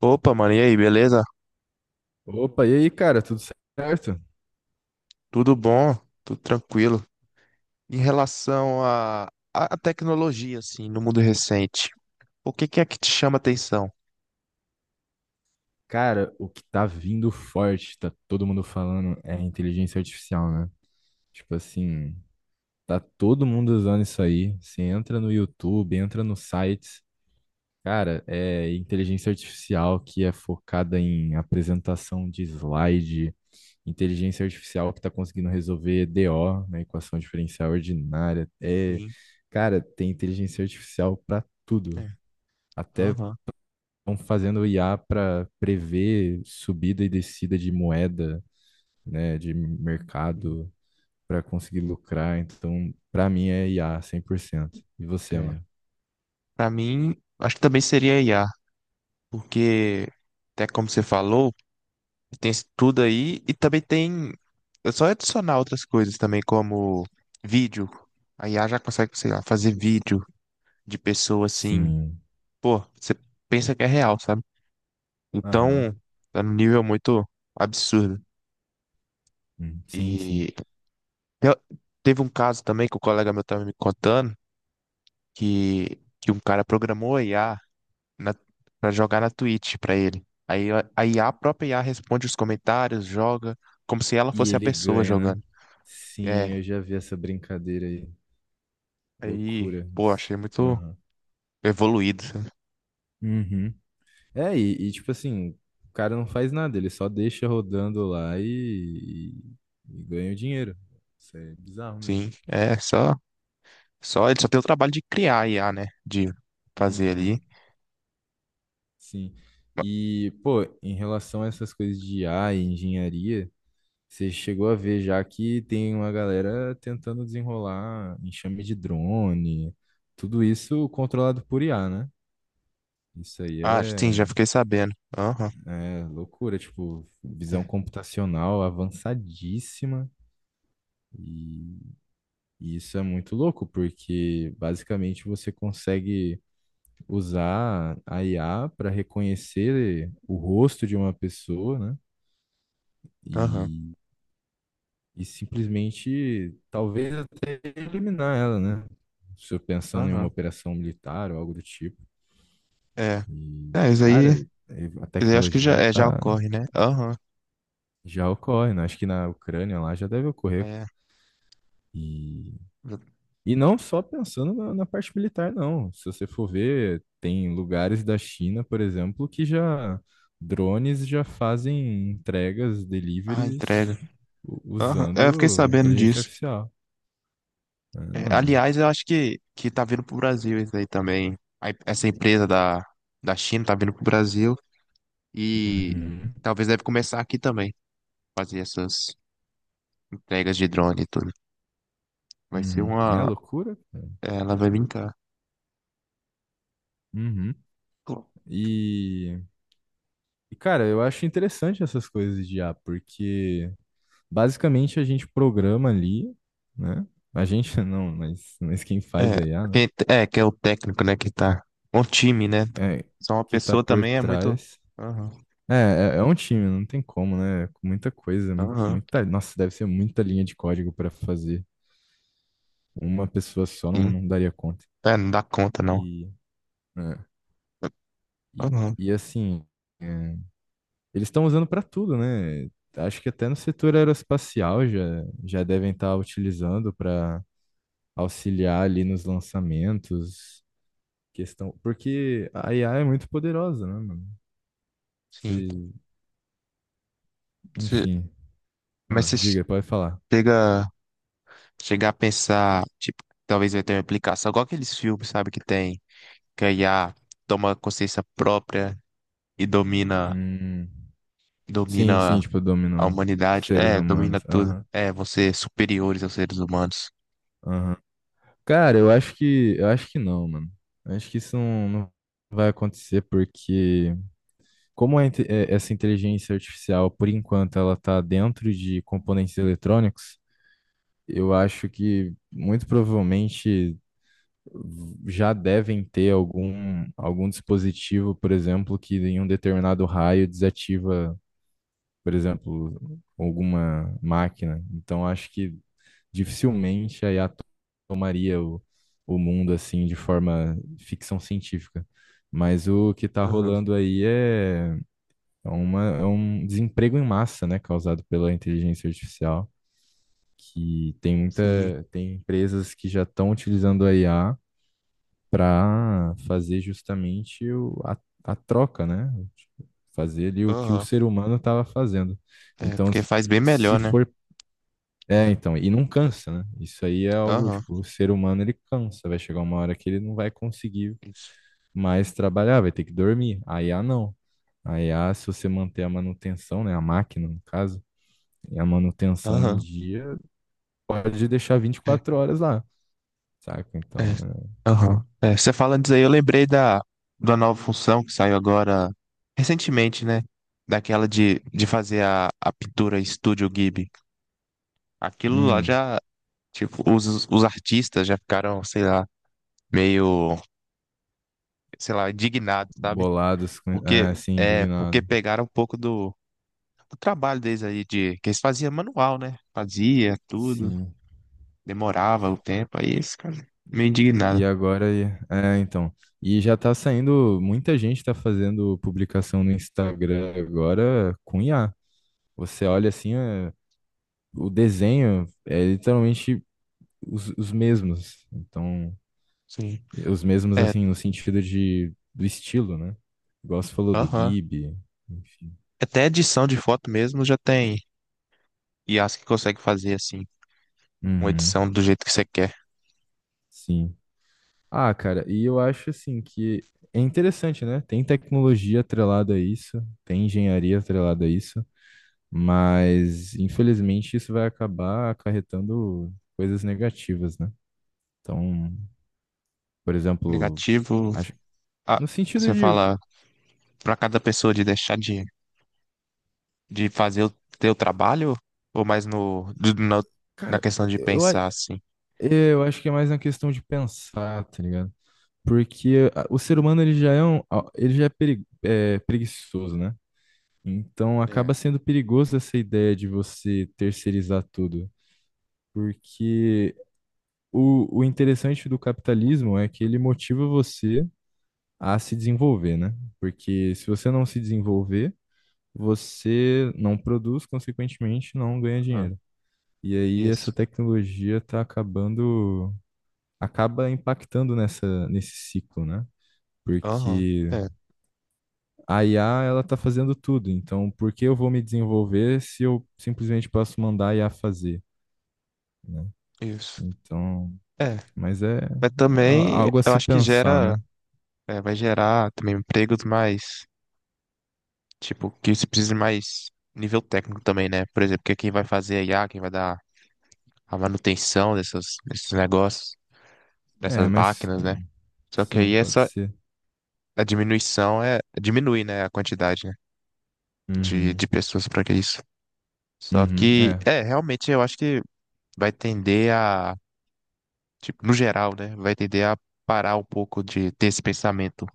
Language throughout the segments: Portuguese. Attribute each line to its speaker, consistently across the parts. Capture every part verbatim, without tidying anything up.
Speaker 1: Opa, mano, e aí, beleza?
Speaker 2: Opa, e aí, cara, tudo certo?
Speaker 1: Tudo bom? Tudo tranquilo. Em relação à à à tecnologia, assim, no mundo recente, o que que é que te chama atenção?
Speaker 2: Cara, o que tá vindo forte, tá todo mundo falando, é a inteligência artificial, né? Tipo assim, tá todo mundo usando isso aí. Você entra no YouTube, entra nos sites. Cara, é inteligência artificial que é focada em apresentação de slide, inteligência artificial que tá conseguindo resolver D O, né, equação diferencial ordinária. É,
Speaker 1: Sim,
Speaker 2: cara, tem inteligência artificial pra tudo.
Speaker 1: é.
Speaker 2: Até
Speaker 1: Aham.
Speaker 2: estão fazendo I A para prever subida e descida de moeda, né, de
Speaker 1: Sim,
Speaker 2: mercado, para conseguir lucrar. Então, para mim é I A cem por cento. E você,
Speaker 1: é.
Speaker 2: mano?
Speaker 1: Para mim, acho que também seria I a I A, porque, até como você falou, tem isso tudo aí e também tem. É só adicionar outras coisas também, como vídeo. A I A já consegue, sei lá, fazer vídeo de pessoa assim.
Speaker 2: Sim.
Speaker 1: Pô, você pensa que é real, sabe? Então,
Speaker 2: Aham.
Speaker 1: é um nível muito absurdo.
Speaker 2: Hum, sim, sim.
Speaker 1: E eu- teve um caso também que o colega meu tava me contando que, que um cara programou a I A na, pra jogar na Twitch pra ele. Aí a a I A, a a própria I A responde os comentários, joga, como se ela
Speaker 2: E
Speaker 1: fosse a
Speaker 2: ele
Speaker 1: pessoa
Speaker 2: ganha, né?
Speaker 1: jogando.
Speaker 2: Sim,
Speaker 1: É,
Speaker 2: eu já vi essa brincadeira aí.
Speaker 1: aí,
Speaker 2: Loucura
Speaker 1: pô,
Speaker 2: isso.
Speaker 1: achei muito
Speaker 2: Aham.
Speaker 1: evoluído, sabe?
Speaker 2: Uhum. É, e, e, tipo assim, o cara não faz nada, ele só deixa rodando lá e, e- e ganha o dinheiro. Isso é bizarro mesmo.
Speaker 1: Sim, é só, só, ele só tem o trabalho de criar a I A, né? De fazer
Speaker 2: Uhum.
Speaker 1: ali.
Speaker 2: Sim. E, pô, em relação a essas coisas de I A e engenharia, você chegou a ver já que tem uma galera tentando desenrolar enxame de drone, tudo isso controlado por I A, né? Isso aí
Speaker 1: Ah, sim, já
Speaker 2: é,
Speaker 1: fiquei sabendo. Aham,
Speaker 2: é loucura, tipo, visão
Speaker 1: é,
Speaker 2: computacional avançadíssima. E, e isso é muito louco, porque basicamente você consegue usar a I A para reconhecer o rosto de uma pessoa, né?
Speaker 1: aham,
Speaker 2: E e simplesmente talvez até eliminar ela, né? Se eu pensando em uma
Speaker 1: aham,
Speaker 2: operação militar ou algo do tipo.
Speaker 1: é.
Speaker 2: E,
Speaker 1: É, isso aí,
Speaker 2: cara, é- a
Speaker 1: isso aí acho que já,
Speaker 2: tecnologia
Speaker 1: é, já
Speaker 2: tá
Speaker 1: ocorre, né? Aham,
Speaker 2: já ocorre, né? Acho que na Ucrânia lá já deve ocorrer.
Speaker 1: é.
Speaker 2: E, e não só pensando na, na parte militar, não. Se você for ver, tem lugares da China, por exemplo, que já drones já fazem entregas,
Speaker 1: Ah,
Speaker 2: deliveries
Speaker 1: entrega.
Speaker 2: u-
Speaker 1: Aham, é, eu fiquei
Speaker 2: usando
Speaker 1: sabendo
Speaker 2: inteligência
Speaker 1: disso.
Speaker 2: artificial.
Speaker 1: É,
Speaker 2: Ah,
Speaker 1: aliás, eu acho que, que tá vindo pro Brasil isso aí também. A em- essa empresa da, da China tá vindo pro Brasil e
Speaker 2: uhum.
Speaker 1: talvez deve começar aqui também, fazer essas entregas de drone e tudo. Vai ser
Speaker 2: Uhum. É
Speaker 1: uma...
Speaker 2: loucura, cara.
Speaker 1: É, ela vai brincar.
Speaker 2: Uhum. E, e, cara, eu acho interessante essas coisas de I A porque basicamente a gente programa ali, né? A gente não, mas, mas quem faz
Speaker 1: É,
Speaker 2: a I A, né?
Speaker 1: quem- é, que é o técnico, né, que tá... Um time, né?
Speaker 2: É,
Speaker 1: Só uma
Speaker 2: que tá
Speaker 1: pessoa
Speaker 2: por
Speaker 1: também é muito...
Speaker 2: trás.
Speaker 1: Aham,
Speaker 2: É, é, é um time, não tem como, né? Com muita coisa, mu-
Speaker 1: aham,
Speaker 2: muita, nossa, deve ser muita linha de código para fazer. Uma pessoa só não,
Speaker 1: sim.
Speaker 2: não daria conta.
Speaker 1: É, não dá conta, não.
Speaker 2: E, é, e,
Speaker 1: Aham,
Speaker 2: e assim. É, Eles estão usando para tudo, né? Acho que até no setor aeroespacial já, já devem estar utilizando para auxiliar ali nos lançamentos, questão, porque a I A é muito poderosa, né, mano?
Speaker 1: sim.
Speaker 2: Se-
Speaker 1: Você-
Speaker 2: Enfim,
Speaker 1: mas
Speaker 2: ah,
Speaker 1: você
Speaker 2: diga, pode falar.
Speaker 1: chega, chega a pensar, tipo, talvez vai ter uma aplicação, igual aqueles filmes, sabe, que tem, que a I A toma consciência própria e domina,
Speaker 2: Hum, sim,
Speaker 1: domina
Speaker 2: sim, tipo,
Speaker 1: a
Speaker 2: dominou
Speaker 1: humanidade.
Speaker 2: seres
Speaker 1: É, domina
Speaker 2: humanos.
Speaker 1: tudo.
Speaker 2: Aham,
Speaker 1: É, você é superiores aos seres humanos.
Speaker 2: aham. Cara, eu acho que, eu acho que não, mano. Eu acho que isso não, não vai acontecer porque como a inte- eh, essa inteligência artificial, por enquanto, ela está dentro de componentes eletrônicos, eu acho que muito provavelmente já devem ter algum, algum dispositivo, por exemplo, que em um determinado raio desativa, por exemplo, alguma máquina. Então, acho que dificilmente a I A tomaria o, o mundo assim de forma ficção científica. Mas o que está
Speaker 1: Aham,
Speaker 2: rolando aí é é uma, é um desemprego em massa, né, causado pela inteligência artificial, que tem muita,
Speaker 1: sim.
Speaker 2: tem empresas que já estão utilizando a I A para fazer justamente o, a, a troca, né? Tipo, fazer ali o que o
Speaker 1: Aham.
Speaker 2: ser humano estava fazendo.
Speaker 1: É,
Speaker 2: Então,
Speaker 1: porque faz bem
Speaker 2: se
Speaker 1: melhor, né?
Speaker 2: for, é, então, e não cansa, né? Isso aí é algo,
Speaker 1: Aham,
Speaker 2: tipo, o ser humano ele cansa, vai chegar uma hora que ele não vai conseguir
Speaker 1: isso.
Speaker 2: mais trabalhar, vai ter que dormir. A I A não. A I A, se você manter a manutenção, né, a máquina, no caso, e a manutenção em
Speaker 1: Aham.
Speaker 2: dia, pode deixar vinte e quatro horas lá, saca? Então,
Speaker 1: É. Aham. É, você falando disso aí, eu lembrei da, da nova função que saiu agora recentemente, né? Daquela de, de fazer a, a pintura Estúdio Ghibli.
Speaker 2: é,
Speaker 1: Aquilo lá
Speaker 2: hum,
Speaker 1: já, tipo, os, os artistas já ficaram, sei lá, meio, sei lá, indignados, sabe?
Speaker 2: bolados, é,
Speaker 1: Porque,
Speaker 2: sim,
Speaker 1: é, porque
Speaker 2: indignado,
Speaker 1: pegaram um pouco do, do trabalho deles aí, de, que eles faziam manual, né? Fazia tudo,
Speaker 2: sim.
Speaker 1: demorava o tempo, aí eles ficaram meio
Speaker 2: E
Speaker 1: indignados.
Speaker 2: agora, é, então, e já tá saindo, muita gente tá fazendo publicação no Instagram agora com I A. Você olha assim, é, o desenho é literalmente os, os mesmos. Então,
Speaker 1: Sim.
Speaker 2: os mesmos
Speaker 1: É,
Speaker 2: assim, no sentido de, do estilo, né? Igual você falou do
Speaker 1: aham.
Speaker 2: Ghibli, enfim.
Speaker 1: Até edição de foto mesmo já tem I as que consegue fazer assim, uma
Speaker 2: Uhum,
Speaker 1: edição do jeito que você quer.
Speaker 2: sim. Ah, cara, e eu acho assim que é interessante, né? Tem tecnologia atrelada a isso, tem engenharia atrelada a isso, mas infelizmente isso vai acabar acarretando coisas negativas, né? Então, por exemplo,
Speaker 1: Negativo,
Speaker 2: acho,
Speaker 1: ah,
Speaker 2: no sentido
Speaker 1: você
Speaker 2: de,
Speaker 1: fala para cada pessoa de deixar de, de fazer o teu trabalho ou mais no, de- na, na
Speaker 2: cara,
Speaker 1: questão de
Speaker 2: eu, a-
Speaker 1: pensar assim.
Speaker 2: eu acho que é mais uma questão de pensar, tá ligado? Porque a- o ser humano ele já é um, a- ele já é peri- é, preguiçoso, né? Então acaba
Speaker 1: É,
Speaker 2: sendo perigoso essa ideia de você terceirizar tudo. Porque o, o interessante do capitalismo é que ele motiva você a se desenvolver, né? Porque se você não se desenvolver, você não produz, consequentemente, não ganha
Speaker 1: aham,
Speaker 2: dinheiro. E aí essa
Speaker 1: isso.
Speaker 2: tecnologia está acabando, acaba impactando nessa, nesse ciclo, né?
Speaker 1: Aham,
Speaker 2: Porque
Speaker 1: é,
Speaker 2: a I A, ela está fazendo tudo, então por que eu vou me desenvolver se eu simplesmente posso mandar a I A fazer, né?
Speaker 1: isso.
Speaker 2: Então,
Speaker 1: É,
Speaker 2: mas é
Speaker 1: mas
Speaker 2: a-
Speaker 1: também
Speaker 2: algo a
Speaker 1: eu
Speaker 2: se
Speaker 1: acho que
Speaker 2: pensar,
Speaker 1: gera,
Speaker 2: né?
Speaker 1: é, vai gerar também empregos mais, tipo, que se precisa de mais nível técnico também, né? Por exemplo, que quem vai fazer I A, quem vai dar a manutenção dessas, desses negócios,
Speaker 2: É,
Speaker 1: dessas
Speaker 2: mas
Speaker 1: máquinas,
Speaker 2: é,
Speaker 1: né? Só que
Speaker 2: sim,
Speaker 1: aí
Speaker 2: pode
Speaker 1: essa
Speaker 2: ser.
Speaker 1: a diminuição é diminui, né, a quantidade, né, de,
Speaker 2: Uhum.
Speaker 1: de pessoas para que isso. Só
Speaker 2: Uhum.
Speaker 1: que
Speaker 2: É,
Speaker 1: é, realmente eu acho que vai tender a, tipo, no geral, né, vai tender a parar um pouco de ter esse pensamento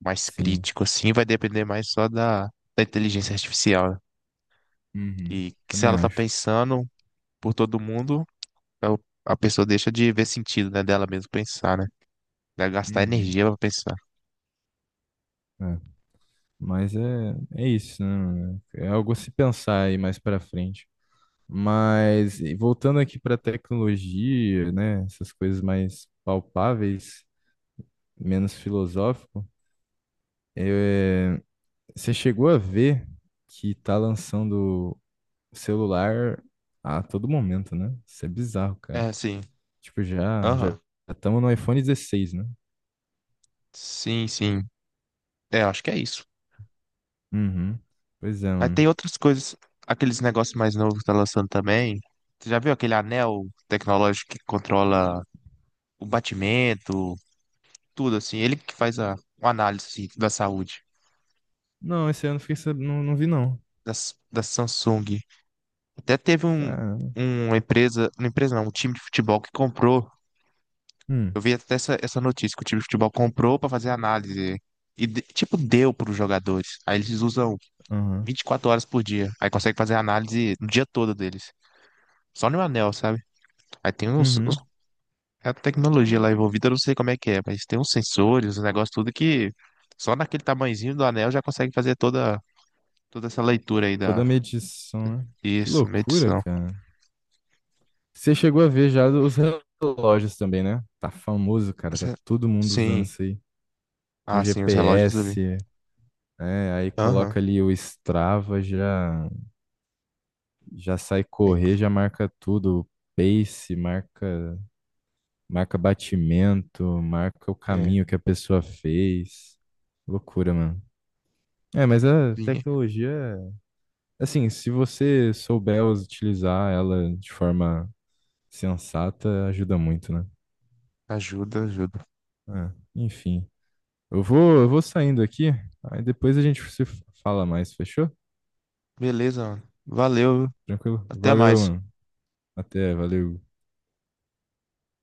Speaker 1: mais
Speaker 2: sim.
Speaker 1: crítico assim, vai depender mais só da, da inteligência artificial, né?
Speaker 2: Uhum.
Speaker 1: que, que se
Speaker 2: Também
Speaker 1: ela tá
Speaker 2: acho.
Speaker 1: pensando por todo mundo, a a pessoa deixa de ver sentido, né, dela mesmo pensar, né? Vai gastar
Speaker 2: Uhum.
Speaker 1: energia para pensar.
Speaker 2: É. Mas é, é isso, né, mano? É algo a se pensar aí mais pra frente. Mas e voltando aqui pra tecnologia, né? Essas coisas mais palpáveis, menos filosófico, é, você chegou a ver que tá lançando celular a todo momento, né? Isso é bizarro, cara.
Speaker 1: É, sim.
Speaker 2: Tipo, já já
Speaker 1: Aham.
Speaker 2: estamos no iPhone dezesseis, né?
Speaker 1: Sim, sim. É, acho que é isso.
Speaker 2: Uhum. Pois é,
Speaker 1: Aí
Speaker 2: mano.
Speaker 1: tem outras coisas, aqueles negócios mais novos que tá lançando também. Você já viu aquele anel tecnológico que controla o batimento, tudo assim? Ele que faz a, uma análise assim, da saúde
Speaker 2: Não, esse ano eu fiquei sabendo, não, não vi não.
Speaker 1: da, S- da Samsung. Até teve um,
Speaker 2: Cara.
Speaker 1: uma empresa, uma empresa não, um time de futebol que comprou.
Speaker 2: Hum,
Speaker 1: Eu vi até essa, essa notícia que o time de futebol comprou pra fazer análise. E, de- tipo, deu pros jogadores. Aí eles usam
Speaker 2: aham.
Speaker 1: vinte e quatro horas por dia. Aí consegue fazer análise no dia todo deles. Só no anel, sabe? Aí tem uns, uns-
Speaker 2: Uhum.
Speaker 1: é a tecnologia lá envolvida, eu não sei como é que é, mas tem uns sensores, uns negócios tudo que só naquele tamanhozinho do anel já consegue fazer toda, toda essa leitura aí
Speaker 2: Toda
Speaker 1: da.
Speaker 2: a medição, né? Que
Speaker 1: Isso,
Speaker 2: loucura,
Speaker 1: medição.
Speaker 2: cara. Você chegou a ver já os relógios também, né? Tá famoso, cara.
Speaker 1: Os
Speaker 2: Tá
Speaker 1: re-
Speaker 2: todo mundo usando
Speaker 1: Sim.
Speaker 2: isso aí. Com
Speaker 1: Ah, sim, os relógios eu vi.
Speaker 2: G P S, né? Aí coloca
Speaker 1: Aham.
Speaker 2: ali o Strava, já já sai
Speaker 1: É,
Speaker 2: correr, já marca tudo. O Pace, marca Marca batimento, marca o
Speaker 1: é.
Speaker 2: caminho que a pessoa fez. Loucura, mano. É, mas a
Speaker 1: Sim.
Speaker 2: tecnologia, assim, se você souber utilizar ela de forma sensata, ajuda muito, né?
Speaker 1: Ajuda, ajuda.
Speaker 2: É, enfim. Eu vou, eu vou saindo aqui, aí depois a gente se fala mais, fechou?
Speaker 1: Beleza, mano. Valeu.
Speaker 2: Tranquilo?
Speaker 1: Até
Speaker 2: Valeu,
Speaker 1: mais.
Speaker 2: mano. Até, valeu.